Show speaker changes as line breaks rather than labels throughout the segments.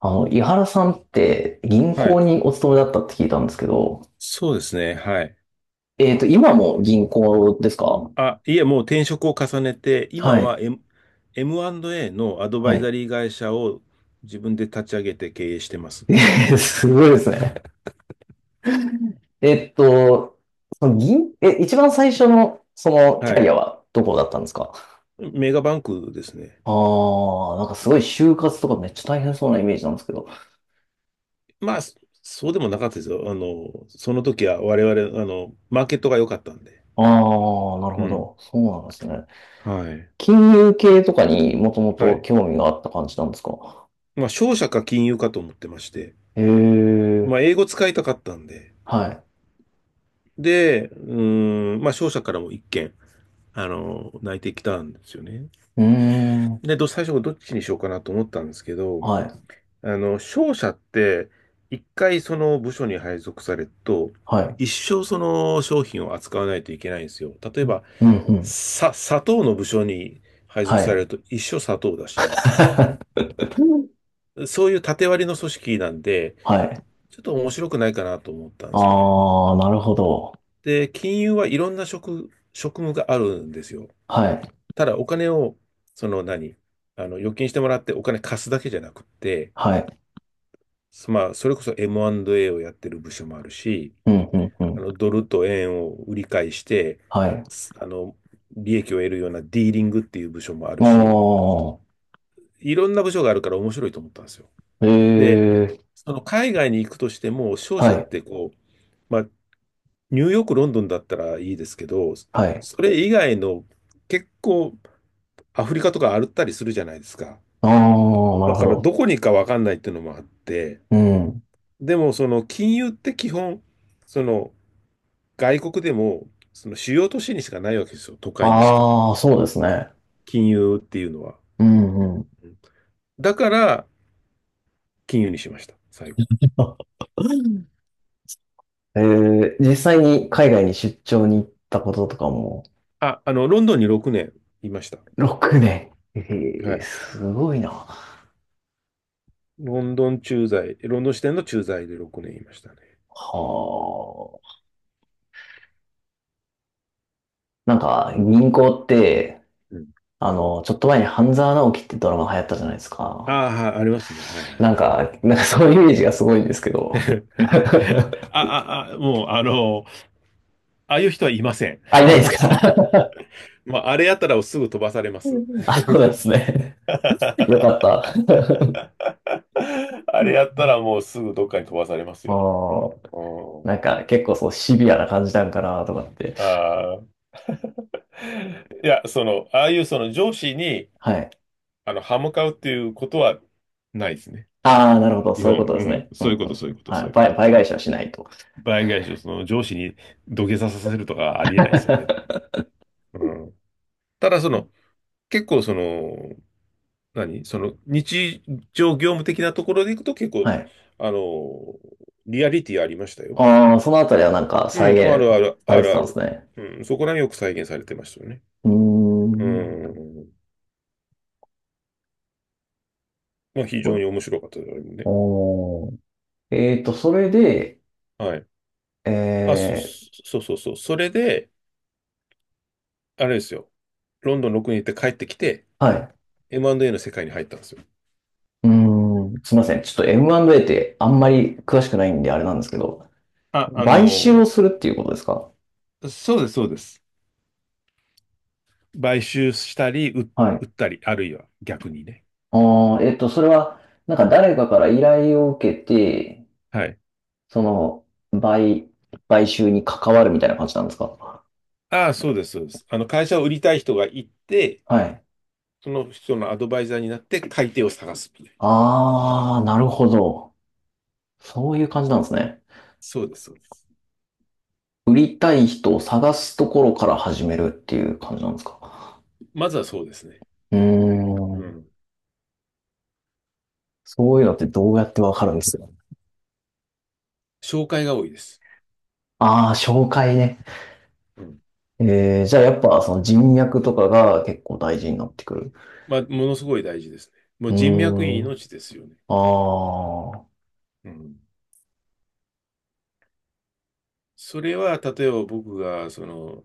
あの、井原さんって銀
は
行
い。
にお勤めだったって聞いたんですけど、
そうですね。はい。
今も銀行ですか？
あ、いえ、もう転職を重ねて、今
はい、
は M&A のアド
は
バイザ
い。
リー会社を自分で立ち上げて経営してます。
えすごいですね。えっと、その銀、え、一番最初の、そのキ
は
ャリ
い。
アはどこだったんですか？
メガバンクですね。
ああ、なんかすごい就活とかめっちゃ大変そうなイメージなんですけど。
まあ、そうでもなかったですよ。その時は我々、マーケットが良かったんで。
ああ、なる
う
ほ
ん。
ど。そうなんですね。
はい。
金融系とかにもとも
は
と
い。
興味があった感じなんですか？
まあ、商社か金融かと思ってまして、
へえ、
まあ、英語使いたかったんで、
はい。
で、うーん、まあ、商社からも一件、内定来たんですよね。
うーん、
で、最初どっちにしようかなと思ったんですけど、
はい、
商社って、一回その部署に配属されると、
はい。
一生その商品を扱わないといけないんですよ。例えば、
うんうん。
砂糖の部署に配
は
属され
い。
ると一生砂糖だし、そういう縦割りの組織なんで、
はい。
ちょっと面白くないかなと思ったんですよね。
ああ、なるほど。
で、金融はいろんな職務があるんですよ。
はい。
ただお金を、その何あの、預金してもらってお金貸すだけじゃなくって、
はい。
まあ、それこそ M&A をやってる部署もあるし、
うん、うん、うん。
ドルと円を売り買いして、
はい。
すあの、利益を得るようなディーリングっていう部署もあ
あ
るし、
あ、
いろんな部署があるから面白いと思ったんですよ。
え
で、
え、
その海外に行くとしても、商
は
社っ
い、
てこう、まあ、ニューヨーク、ロンドンだったらいいですけど、
はい。
それ以外の結構アフリカとか歩ったりするじゃないですか。
ああ、な
だ
るほ
から
ど。
どこに行くかわかんないっていうのもあって、
うん。
でもその金融って基本、その外国でも、その主要都市にしかないわけですよ。都会にしか。
ああ、そうですね。
金融っていうのは。
うんうん。
うんだから、金融にしました。最後。
実際に海外に出張に行ったこととかも、
あ、ロンドンに6年いました。
6年。え
は
え、
い。
すごいな。は
ロンドン駐在、ロンドン支店の駐在で6年いましたね。
あ。なんか、銀行って、
うん。
あの、ちょっと前に半沢直樹ってドラマ流行ったじゃないです
あ
か。
あ、はいありますね。は
なん
い。
か、そういうイメージがすごいんですけ
は
ど。
い。もう、ああいう人はいません。
あ、いないですか？
まあ、あれやったらすぐ飛ばされます。
あ、そうですね。よ かった。
あれやったらもうすぐどっかに飛ばされます
あ
よ。
あ、
う
なん
ん。
か結構そうシビアな感じなんかなとかって。
ああ。いや、その、ああいうその上司に、
はい。
歯向かうっていうことはないですね。
ああ、なるほど。
日
そういう
本、
ことで
う
す
ん。
ね。うん
そういうこ
う
と、
ん
そう
う
いう
ん。
こと、
は
そ
い。
ういうこと。
倍返しはしないと。
倍返しをその上司に土下座させるとかはありえない ですよね。うん。ただ、その、結構その、日常業務的なところでいくと結
は
構、
い。
あの、リアリティありましたよ。
ああ、そのあたりはなんか
う
再
ん、あるあ
現
る、
さ
あ
れて
る
た
あ
んです
る。
ね。
うん、そこらによく再現されてましたよね。
う
う
ーん。
ん。まあ、非常に面白かったですね。
おー。それで、
はい。
え
あ、
ー
そうそうそう。それで、あれですよ。ロンドン6に行って帰ってきて、
はい。
M&A の世界に入ったんですよ。
うーん、すいません。ちょっと M&A ってあんまり詳しくないんであれなんですけど、
あ、あ
買収を
の
するっていうことですか？
そうです、そうです。買収したり、
はい。
売ったり、あるいは逆にね。
ああ、それは、なんか
うん。
誰かから依頼を受けて、
はい。
その、買、買収に関わるみたいな感じなんですか？
ああ、そうです、そうです。会社を売りたい人がいて、
はい。
その人のアドバイザーになって買い手を探すみたいな。
ああ、なるほど。そういう感じなんですね。
そうです、そうです。
売りたい人を探すところから始めるっていう感じなんですか？
まずはそうですね。
うー
う
ん、
ん。
そういうのってどうやってわかるんですか？
紹介が多いです。
ああー、紹介ね。
うん。
じゃあやっぱその人脈とかが結構大
う
事に
ん。
なってくる。
まあ、ものすごい大事ですね。も
う
う人脈に
ーん。
命ですよね。
ああ。
うん。それは、例えば僕が、その、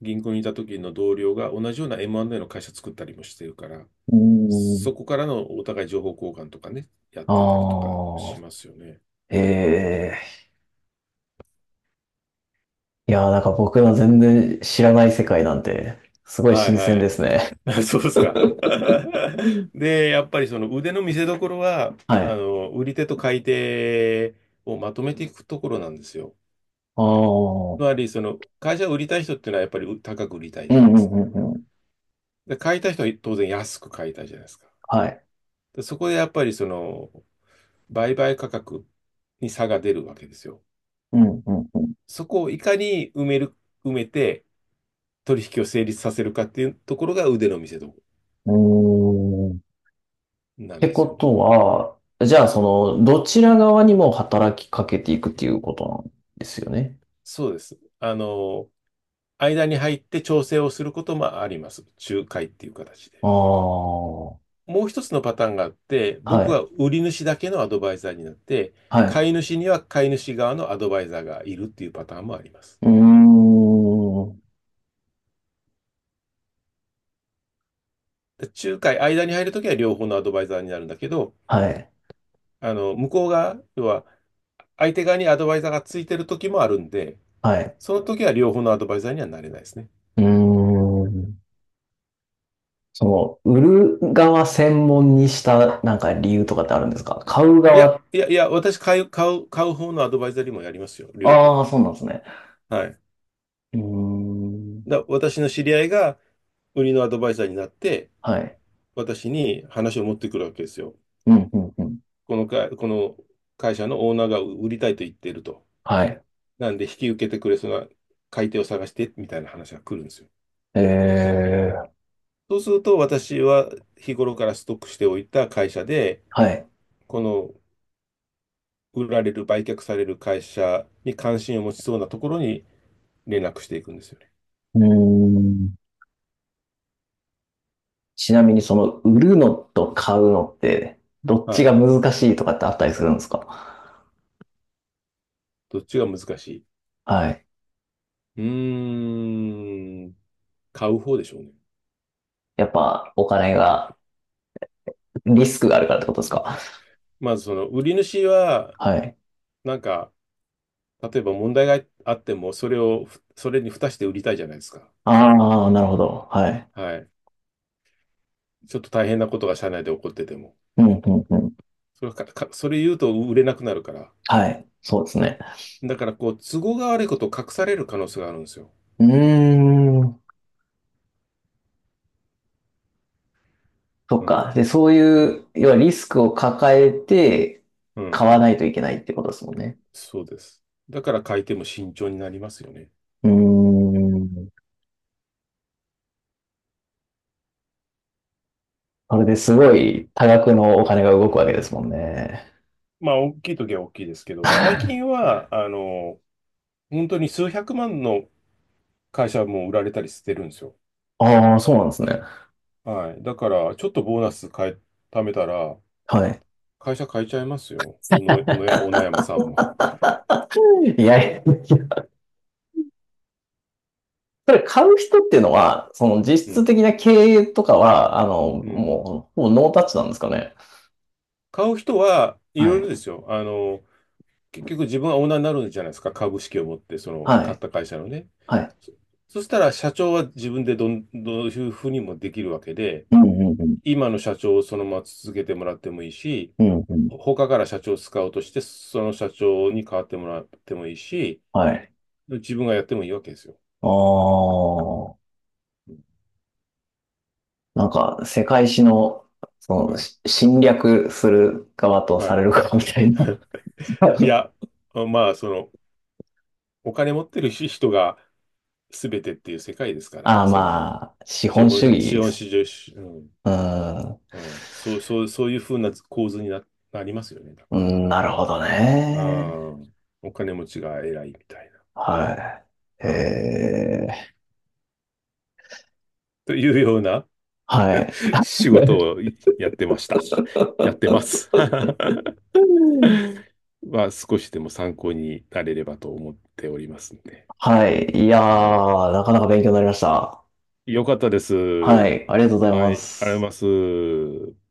銀行にいた時の同僚が同じような M&A の会社作ったりもしてるから、
うーん。
そこからのお互い情報交換とかね、やってたりとかしますよね。
ああ。ええ、いやー、なんか僕の全然知らない世界なんて、すごい
はい。
新鮮
は
で
い。
すね。
そうですか。
う ん。
で、やっぱりその腕の見せ所は、
はい。
売り手と買い手をまとめていくところなんですよ。
ああ。う
つま
ん
り、その、会社を売りたい人っていうのはやっぱり高く売りたい
う
じゃ
ん
ない
う
ですか。
んうん。
で、買いたい人は当然安く買いたいじゃないですか。
はい。
で、そこでやっぱりその、売買価格に差が出るわけですよ。
うんうん
そこをいかに埋めて取引を成立させるかっていうところが腕の見せ所
うん。うーん。っ
なん
て
で
こ
すよね。
とは、じゃあその、どちら側にも働きかけていくっていうことなんですよね。
そうです。間に入って調整をすることもあります。仲介っていう形
ああ。
で。
は
もう一つのパターンがあって、僕は
い。
売り主だけのアドバイザーになって、
はい。
買い主には買い主側のアドバイザーがいるっていうパターンもあります。
うーん。
で仲介、間に入るときは両方のアドバイザーになるんだけど、
はい。
向こうが、要は、相手側にアドバイザーがついてる時もあるんで、
はい。
その時は両方のアドバイザーにはなれないですね。
うーん。その、売る側専門にしたなんか理由とかってあるんですか？買う
いや、
側、
いや、いや、私買う方のアドバイザーにもやりますよ、両方。
ああ、そうなんですね。
はい。
うーん。
私の知り合いが売りのアドバイザーになって、
はい。
私に話を持ってくるわけですよ。
うん、うん、うん。
この会社のオーナーが売りたいと言っていると。
はい。
なんで引き受けてくれそうな買い手を探して、みたいな話が来るんですよ。
ええ、
そうすると、私は日頃からストックしておいた会社で、
はい。
この売却される会社に関心を持ちそうなところに連絡していくんですよね。
うーん。ちなみにその、売るのと買うのって、どっち
は
が
い。
難しいとかってあったりするんですか？
どっちが難しい。
はい。
うーん、買う方でしょうね。
やっぱ、お金が、リスクがあるからってことですか？
まずその売り主は、
はい。
なんか、例えば問題があっても、それを、それに付して売りたいじゃないですか。
ああ、なるほど。はい。
はい。ちょっと大変なことが社内で起こってても。
うん、うん、うん。
それ言うと売れなくなるから。
はい。そうですね。
だから、こう、都合が悪いことを隠される可能性があるんですよ。
うーん。そっ
うん。
か。で、そう
う
い
ん。
う、要はリスクを抱えて
う
買
ん。
わないといけないってことですもんね。
そうです。だから買いても慎重になりますよね。
うーん。それですごい多額のお金が動くわけですもんね。
まあ、大きい時は大きいですけど、最近は、本当に数百万の会社も売られたりしてるんですよ。
ああ、そうなんですね。
はい。だから、ちょっとボーナス変え、貯めたら、
はい。
会社変えちゃいますよ。小野山さんも。
いやいや、それ買う人っていうのは、その実
う
質
ん。
的な経営とかは、あの、
うん。
もう、ほぼノータッチなんですかね。
買う人はい
は
ろいろ
い。
ですよ。結局自分はオーナーになるんじゃないですか。株式を持って、その、
は
買っ
い。
た会社のね。
はい。
そ、そしたら、社長は自分でどういうふうにもできるわけで、
うんうんうん。
今の社長をそのまま続けてもらってもいいし、
うんうん。
他から社長を使カウして、その社長に代わってもらってもいいし、
はい。
自分がやってもいいわけですよ。
ああ。
うん。
なんか、世界史の、その、
はい。
侵略する側と
は
さ
い。
れる側みたいな。
いや、まあ、その、お金持ってる人が全てっていう世界ですから、
ああ、
その、
まあ、資本主義
資
で
本
す。
市場、うん、
うん。
うん、そういうふうな構図になりますよね、だ
う
から。
ん、なるほど
う
ね。
ん、お金持ちが偉いみたい
はい。
な。はい。というような
はい。
仕事をやってました。やってます。は少しでも参考になれればと思っておりますんで。
はい。いや
は
ー、なかなか勉強になりました。
い。よかったです。
は
はい、
い。ありがとうござい
あ
ま
りがとうござい
す。
ます。